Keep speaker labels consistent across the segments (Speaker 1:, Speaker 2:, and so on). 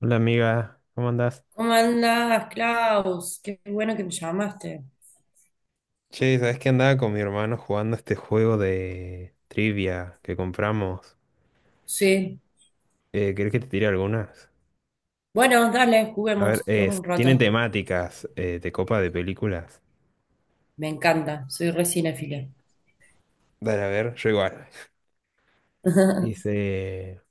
Speaker 1: Hola amiga, ¿cómo andás?
Speaker 2: ¿Cómo andás, Klaus? Qué bueno que me llamaste.
Speaker 1: Che, ¿sabés que andaba con mi hermano jugando este juego de trivia que compramos?
Speaker 2: Sí.
Speaker 1: ¿Querés que te tire algunas?
Speaker 2: Bueno, dale,
Speaker 1: A ver,
Speaker 2: juguemos, juguemos
Speaker 1: es,
Speaker 2: un
Speaker 1: tienen
Speaker 2: rato.
Speaker 1: temáticas de copa de películas.
Speaker 2: Me encanta, soy re cinéfila.
Speaker 1: Dale, a ver, yo igual. Dice,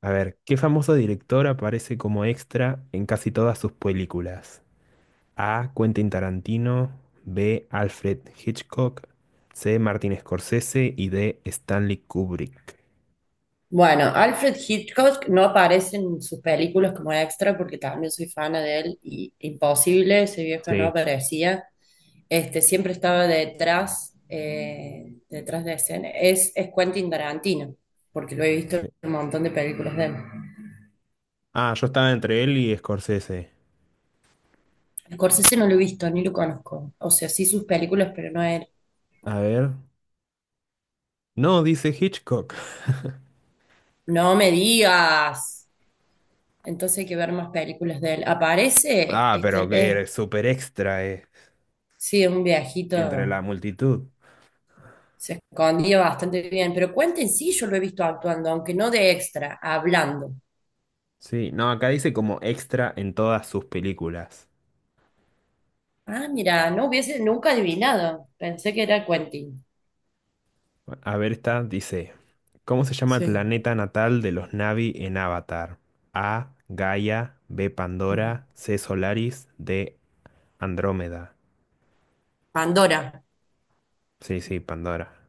Speaker 1: a ver, ¿qué famoso director aparece como extra en casi todas sus películas? A. Quentin Tarantino, B. Alfred Hitchcock, C. Martin Scorsese y D. Stanley Kubrick.
Speaker 2: Bueno, Alfred Hitchcock no aparece en sus películas como extra porque también soy fana de él y imposible, ese viejo no
Speaker 1: Sí.
Speaker 2: aparecía. Este, siempre estaba detrás, detrás de escena. Es Quentin Tarantino, porque lo he visto en
Speaker 1: Sí.
Speaker 2: un montón de películas de él.
Speaker 1: Ah, yo estaba entre él y Scorsese.
Speaker 2: Scorsese no lo he visto, ni lo conozco. O sea, sí sus películas, pero no él.
Speaker 1: A ver. No, dice Hitchcock.
Speaker 2: No me digas. Entonces hay que ver más películas de él. Aparece
Speaker 1: Ah, pero que eres súper extra,
Speaker 2: sí, un
Speaker 1: entre
Speaker 2: viejito.
Speaker 1: la multitud.
Speaker 2: Se escondía bastante bien. Pero Quentin sí, yo lo he visto actuando, aunque no de extra, hablando.
Speaker 1: Sí, no, acá dice como extra en todas sus películas.
Speaker 2: Ah, mira, no hubiese nunca adivinado. Pensé que era Quentin.
Speaker 1: A ver, esta dice, ¿cómo se llama el
Speaker 2: Sí.
Speaker 1: planeta natal de los Na'vi en Avatar? A, Gaia, B,
Speaker 2: Ujú.
Speaker 1: Pandora, C, Solaris, D, Andrómeda.
Speaker 2: Pandora.
Speaker 1: Sí, sí, Pandora.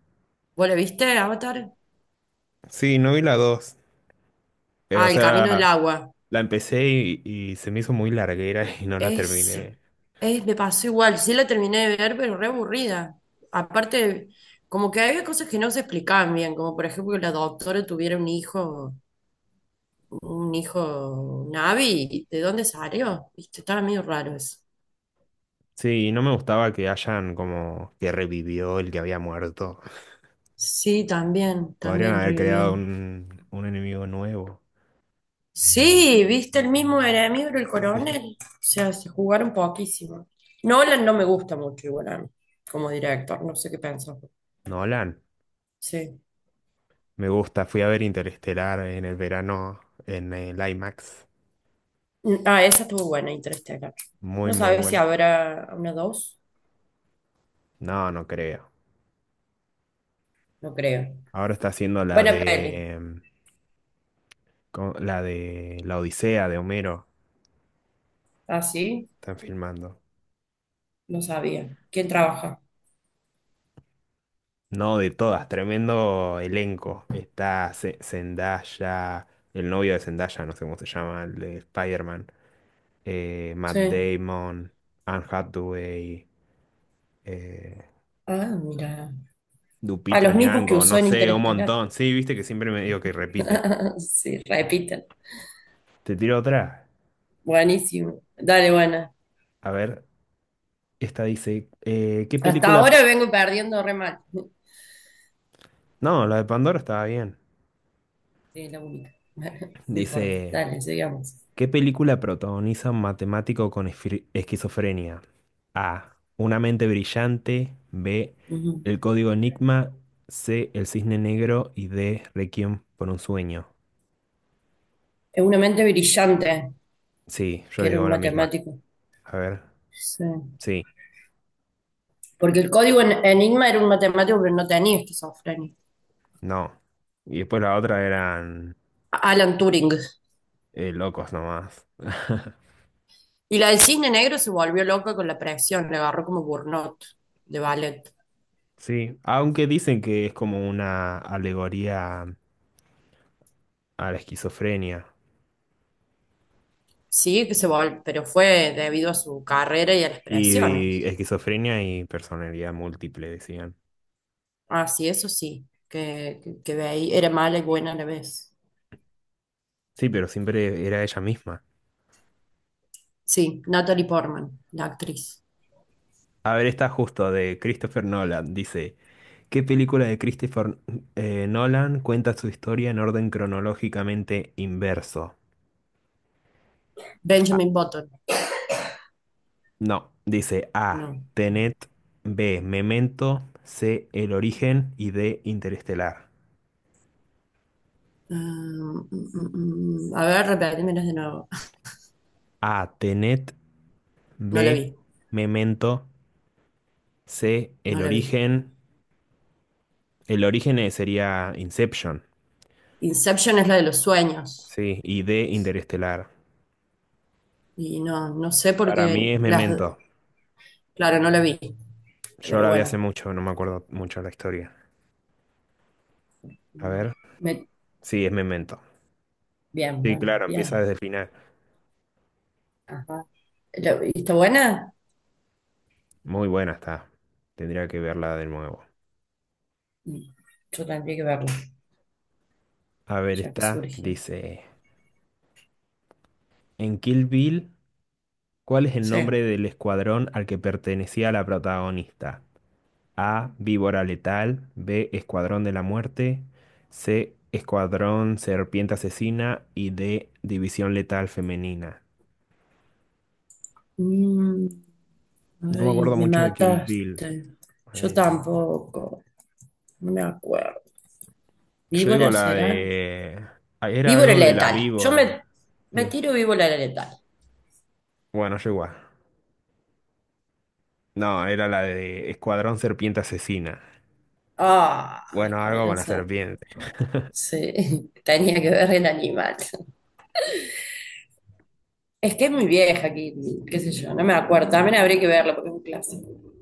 Speaker 2: ¿Vos lo viste, Avatar?
Speaker 1: Sí, no vi la 2.
Speaker 2: Ah,
Speaker 1: O
Speaker 2: El Camino
Speaker 1: sea,
Speaker 2: del Agua.
Speaker 1: la empecé y se me hizo muy larguera y no la
Speaker 2: Es,
Speaker 1: terminé.
Speaker 2: Me pasó igual, sí la terminé de ver, pero re aburrida. Aparte, como que había cosas que no se explicaban bien, como por ejemplo que la doctora tuviera un hijo Navi, ¿de dónde salió? Viste, estaba medio raro eso.
Speaker 1: Sí, no me gustaba que hayan como que revivió el que había muerto.
Speaker 2: Sí, también,
Speaker 1: Podrían
Speaker 2: también
Speaker 1: haber creado
Speaker 2: revivieron.
Speaker 1: un enemigo nuevo.
Speaker 2: Sí, viste el mismo enemigo era el
Speaker 1: Sí.
Speaker 2: coronel. O sea, se jugaron poquísimo. Nolan no me gusta mucho igual a mí, como director, no sé qué pensás.
Speaker 1: Nolan,
Speaker 2: Sí.
Speaker 1: me gusta. Fui a ver Interestelar en el verano en el IMAX.
Speaker 2: Ah, esa estuvo buena, Interstellar.
Speaker 1: Muy,
Speaker 2: No
Speaker 1: muy
Speaker 2: sabes si
Speaker 1: bueno.
Speaker 2: habrá una dos,
Speaker 1: No, no creo.
Speaker 2: no creo.
Speaker 1: Ahora está haciendo la
Speaker 2: Buena peli.
Speaker 1: de, la de La Odisea de Homero.
Speaker 2: Ah, sí,
Speaker 1: Están filmando.
Speaker 2: no sabía. ¿Quién trabaja?
Speaker 1: No, de todas, tremendo elenco. Está Zendaya, el novio de Zendaya, no sé cómo se llama, el de Spider-Man. Matt
Speaker 2: Sí.
Speaker 1: Damon, Anne Hathaway, eh,
Speaker 2: Ah, mira. A
Speaker 1: Lupita
Speaker 2: los mismos que
Speaker 1: Nyong'o,
Speaker 2: usó
Speaker 1: no
Speaker 2: en
Speaker 1: sé, un
Speaker 2: Interestelar.
Speaker 1: montón. Sí, viste que siempre me digo que repite.
Speaker 2: Sí, repiten.
Speaker 1: Te tiro otra.
Speaker 2: Buenísimo. Dale, buena.
Speaker 1: A ver, esta dice, ¿qué
Speaker 2: Hasta
Speaker 1: película?
Speaker 2: ahora vengo perdiendo re mal.
Speaker 1: No, la de Pandora estaba bien.
Speaker 2: Sí, la única. No importa.
Speaker 1: Dice,
Speaker 2: Dale, sigamos.
Speaker 1: ¿qué película protagoniza un matemático con esquizofrenia? A. Una mente brillante. B.
Speaker 2: Ujú.
Speaker 1: El código Enigma. C. El cisne negro. Y D. Requiem por un sueño.
Speaker 2: Es una mente brillante,
Speaker 1: Sí, yo
Speaker 2: que era un
Speaker 1: digo la misma.
Speaker 2: matemático.
Speaker 1: A ver.
Speaker 2: Sí.
Speaker 1: Sí,
Speaker 2: Porque el código en Enigma era un matemático que no tenía esquizofrenia.
Speaker 1: no. Y después la otra eran
Speaker 2: Alan Turing.
Speaker 1: locos nomás.
Speaker 2: Y la del cisne negro se volvió loca con la presión, le agarró como burnout de ballet.
Speaker 1: Sí, aunque dicen que es como una alegoría a la esquizofrenia.
Speaker 2: Sí, que se vol pero fue debido a su carrera y a las
Speaker 1: Y
Speaker 2: presiones.
Speaker 1: esquizofrenia y personalidad múltiple, decían.
Speaker 2: Ah, sí, eso sí, que ve ahí era mala y buena a la vez.
Speaker 1: Sí, pero siempre era ella misma.
Speaker 2: Sí, Natalie Portman, la actriz.
Speaker 1: A ver, está justo de Christopher Nolan. Dice, ¿qué película de Christopher Nolan cuenta su historia en orden cronológicamente inverso? Ah,
Speaker 2: Benjamin Button,
Speaker 1: no, dice A,
Speaker 2: no.
Speaker 1: Tenet, B, Memento, C, El origen y D, Interestelar.
Speaker 2: Um, mm, mm, mm. mm. A ver, repetímelas de nuevo.
Speaker 1: A, Tenet,
Speaker 2: No la vi,
Speaker 1: B, Memento, C, El
Speaker 2: no la vi.
Speaker 1: origen. El origen sería Inception,
Speaker 2: Inception es la de los sueños.
Speaker 1: sí, y D, Interestelar.
Speaker 2: Y no, no sé
Speaker 1: Para mí
Speaker 2: porque
Speaker 1: es Memento.
Speaker 2: claro, no la vi,
Speaker 1: Yo
Speaker 2: pero
Speaker 1: la vi hace
Speaker 2: bueno,
Speaker 1: mucho, no me acuerdo mucho la historia. A
Speaker 2: mm,
Speaker 1: ver.
Speaker 2: me-
Speaker 1: Sí, es Memento.
Speaker 2: bien,
Speaker 1: Sí,
Speaker 2: bueno,
Speaker 1: claro, empieza
Speaker 2: bien.
Speaker 1: desde el final.
Speaker 2: Ajá. ¿La viste buena?
Speaker 1: Muy buena está. Tendría que verla de nuevo.
Speaker 2: Mm, yo tendría que verla,
Speaker 1: A ver,
Speaker 2: ya que
Speaker 1: esta
Speaker 2: surgió.
Speaker 1: dice, en Kill Bill, ¿cuál es el nombre
Speaker 2: Sí.
Speaker 1: del escuadrón al que pertenecía la protagonista? A, Víbora Letal, B, Escuadrón de la Muerte, C, Escuadrón Serpiente Asesina y D, División Letal Femenina.
Speaker 2: Mm,
Speaker 1: No me
Speaker 2: ay,
Speaker 1: acuerdo
Speaker 2: me
Speaker 1: mucho de Kill Bill.
Speaker 2: mataste. Yo
Speaker 1: Eh,
Speaker 2: tampoco, no me acuerdo.
Speaker 1: Yo digo
Speaker 2: ¿Víbora
Speaker 1: la
Speaker 2: será?
Speaker 1: de... Ah, era
Speaker 2: Víbora
Speaker 1: algo de la
Speaker 2: letal. Yo me,
Speaker 1: víbora.
Speaker 2: me
Speaker 1: Sí.
Speaker 2: tiro víbora letal.
Speaker 1: Bueno, yo igual. No, era la de Escuadrón Serpiente Asesina.
Speaker 2: Ah,
Speaker 1: Bueno, algo con
Speaker 2: Escuadrón
Speaker 1: la
Speaker 2: Cer-
Speaker 1: serpiente.
Speaker 2: Sí, tenía que ver el animal. Es que es muy vieja aquí, qué sé yo, no me acuerdo. También habría que verlo porque es un clásico. Un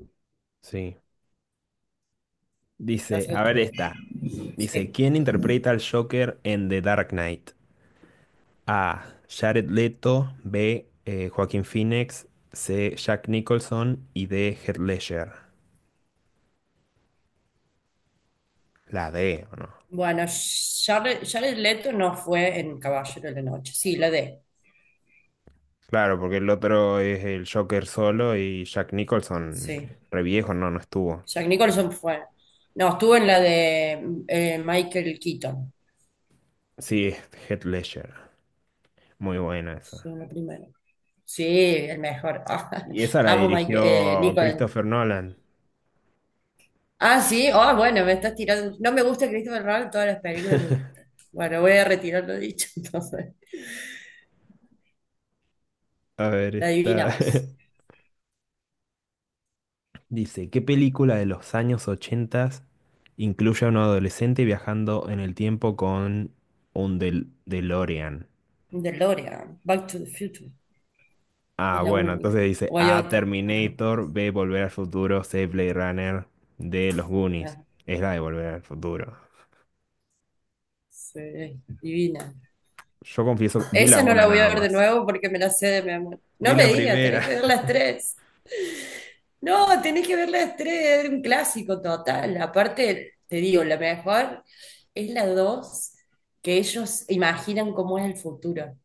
Speaker 1: Sí. Dice,
Speaker 2: clásico
Speaker 1: a ver
Speaker 2: es
Speaker 1: esta.
Speaker 2: todo.
Speaker 1: Dice,
Speaker 2: Sí.
Speaker 1: ¿quién interpreta al Joker en The Dark Knight? A. Jared Leto. B. Joaquín Phoenix. C. Jack Nicholson. Y D. Heath Ledger. La D, ¿o no?
Speaker 2: Bueno, Charles, Jared Leto no fue en Caballero de la Noche. Sí, la de.
Speaker 1: Claro, porque el otro es el Joker solo y Jack Nicholson,
Speaker 2: Sí.
Speaker 1: re viejo, no, no estuvo.
Speaker 2: Jack Nicholson fue. No, estuvo en la de Michael Keaton.
Speaker 1: Sí, Heath Ledger. Muy buena
Speaker 2: Sí,
Speaker 1: esa.
Speaker 2: en la primera. Sí, el mejor.
Speaker 1: Y esa la
Speaker 2: Amo Michael,
Speaker 1: dirigió
Speaker 2: Nicholson.
Speaker 1: Christopher Nolan.
Speaker 2: Ah, sí, ah, bueno, me estás tirando. No me gusta Christopher Nolan, en todas las películas me gustan. Bueno, voy a retirar lo dicho, entonces.
Speaker 1: A ver,
Speaker 2: La
Speaker 1: está.
Speaker 2: adivinamos.
Speaker 1: Dice, ¿qué película de los años 80 incluye a un adolescente viajando en el tiempo con un DeLorean?
Speaker 2: DeLorean, Back to the Future,
Speaker 1: Ah,
Speaker 2: es la
Speaker 1: bueno,
Speaker 2: única.
Speaker 1: entonces dice
Speaker 2: O hay
Speaker 1: A,
Speaker 2: otra.
Speaker 1: Terminator, B, Volver al Futuro, C, Blade Runner, D, Los Goonies.
Speaker 2: Ah,
Speaker 1: Es la de Volver al Futuro.
Speaker 2: sí, divina.
Speaker 1: Yo confieso, vi la
Speaker 2: Esa no
Speaker 1: una
Speaker 2: la voy a
Speaker 1: nada
Speaker 2: ver de
Speaker 1: más.
Speaker 2: nuevo porque me la sé de mi amor.
Speaker 1: Vi
Speaker 2: No me
Speaker 1: la
Speaker 2: digas,
Speaker 1: primera.
Speaker 2: tenés que ver las tres. No, tenés que ver las tres, es un clásico total. Aparte, te digo, la mejor es la dos, que ellos imaginan cómo es el futuro.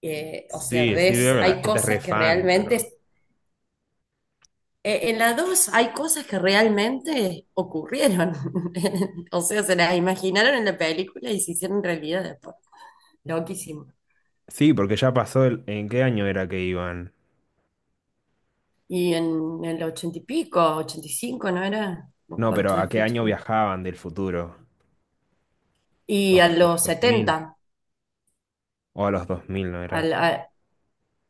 Speaker 2: O
Speaker 1: Sí,
Speaker 2: sea,
Speaker 1: sí veo
Speaker 2: ves,
Speaker 1: que la
Speaker 2: hay
Speaker 1: gente es re
Speaker 2: cosas que
Speaker 1: fan, pero...
Speaker 2: realmente, en la 2 hay cosas que realmente ocurrieron. O sea, se las imaginaron en la película y se hicieron realidad después. Loquísimo.
Speaker 1: Sí, porque ya pasó el... ¿En qué año era que iban?
Speaker 2: Y el ochenta y pico, 85 ¿no era?
Speaker 1: No,
Speaker 2: Back to
Speaker 1: pero
Speaker 2: the
Speaker 1: ¿a qué año
Speaker 2: Future.
Speaker 1: viajaban del futuro? ¿A
Speaker 2: Y a
Speaker 1: los
Speaker 2: los
Speaker 1: 2000?
Speaker 2: 70,
Speaker 1: O a los 2000, ¿no era?
Speaker 2: al- a-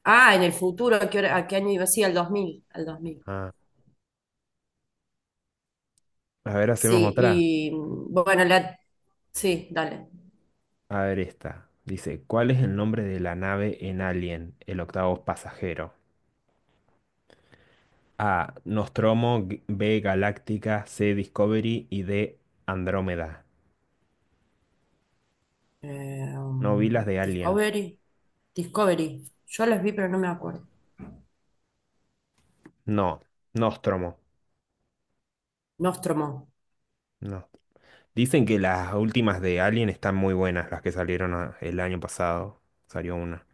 Speaker 2: ah, en el futuro, a qué año iba? Sí, al 2000, al 2000.
Speaker 1: Ah. A ver, hacemos
Speaker 2: Sí,
Speaker 1: otra.
Speaker 2: y bueno, sí, dale.
Speaker 1: A ver esta. Dice, ¿cuál es el nombre de la nave en Alien, el octavo pasajero? A. Nostromo, B. Galáctica, C. Discovery y D. Andrómeda. No vi las de Alien.
Speaker 2: Discovery. Discovery. Yo las vi, pero no me acuerdo.
Speaker 1: No, Nostromo.
Speaker 2: Nostromo.
Speaker 1: No. Dicen que las últimas de Alien están muy buenas, las que salieron ah, el año pasado. Salió una.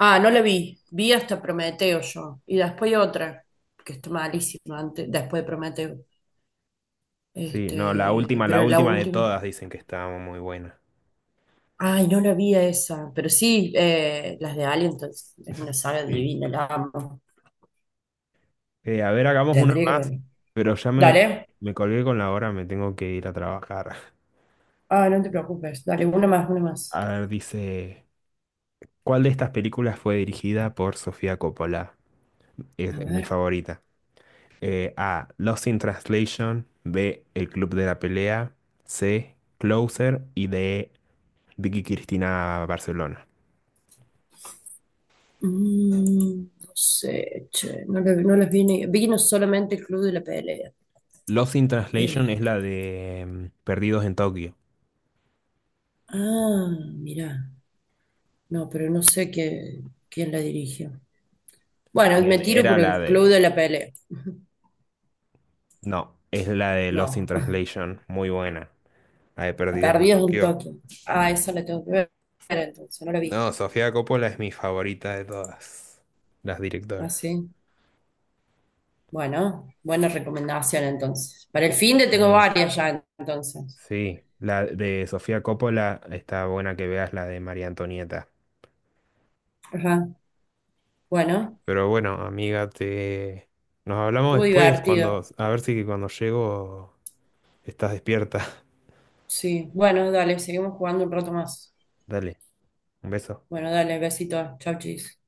Speaker 2: Ah, no la vi. Vi hasta Prometeo yo. Y después otra, que está malísima antes, después de Prometeo.
Speaker 1: Sí, no,
Speaker 2: Este,
Speaker 1: la
Speaker 2: pero la
Speaker 1: última de
Speaker 2: última.
Speaker 1: todas dicen que estaba muy buena.
Speaker 2: Ay, no la vi a esa. Pero sí, las de Alien, entonces, es una saga
Speaker 1: Sí.
Speaker 2: divina, la amo.
Speaker 1: A ver, hagamos una
Speaker 2: Tendría que
Speaker 1: más,
Speaker 2: verla.
Speaker 1: pero ya
Speaker 2: Dale.
Speaker 1: me colgué con la hora, me tengo que ir a trabajar.
Speaker 2: Ah, no te preocupes. Dale, una más, una más.
Speaker 1: A ver, dice, ¿cuál de estas películas fue dirigida por Sofía Coppola?
Speaker 2: A
Speaker 1: Es mi
Speaker 2: ver.
Speaker 1: favorita. A, Lost in Translation, B, El Club de la Pelea, C, Closer y D, Vicky Cristina Barcelona.
Speaker 2: Mm, no sé, che, no, no les vi vi no solamente el club de la pelea.
Speaker 1: Lost in Translation es
Speaker 2: Este,
Speaker 1: la de Perdidos en Tokio.
Speaker 2: ah, mirá, no, pero no sé quién la dirigió. Bueno, me
Speaker 1: Bien,
Speaker 2: tiro
Speaker 1: era
Speaker 2: por
Speaker 1: la
Speaker 2: el club de
Speaker 1: de...
Speaker 2: la pelea.
Speaker 1: No, es la de Lost in
Speaker 2: No,
Speaker 1: Translation, muy buena. La de Perdidos en
Speaker 2: Perdidos un
Speaker 1: Tokio.
Speaker 2: toque. Ah, eso la tengo que ver entonces, no la vi.
Speaker 1: No, Sofía Coppola es mi favorita de todas las
Speaker 2: Ah,
Speaker 1: directoras.
Speaker 2: sí. Bueno, buena recomendación entonces. Para el fin de tengo
Speaker 1: Sí.
Speaker 2: varias ya entonces.
Speaker 1: Sí, la de Sofía Coppola está buena que veas la de María Antonieta.
Speaker 2: Ajá. Bueno,
Speaker 1: Pero bueno, amiga, te nos hablamos
Speaker 2: estuvo
Speaker 1: después
Speaker 2: divertido.
Speaker 1: cuando a ver si cuando llego estás despierta.
Speaker 2: Sí, bueno, dale, seguimos jugando un rato más.
Speaker 1: Dale, un beso.
Speaker 2: Bueno, dale, besito. Chau, chis.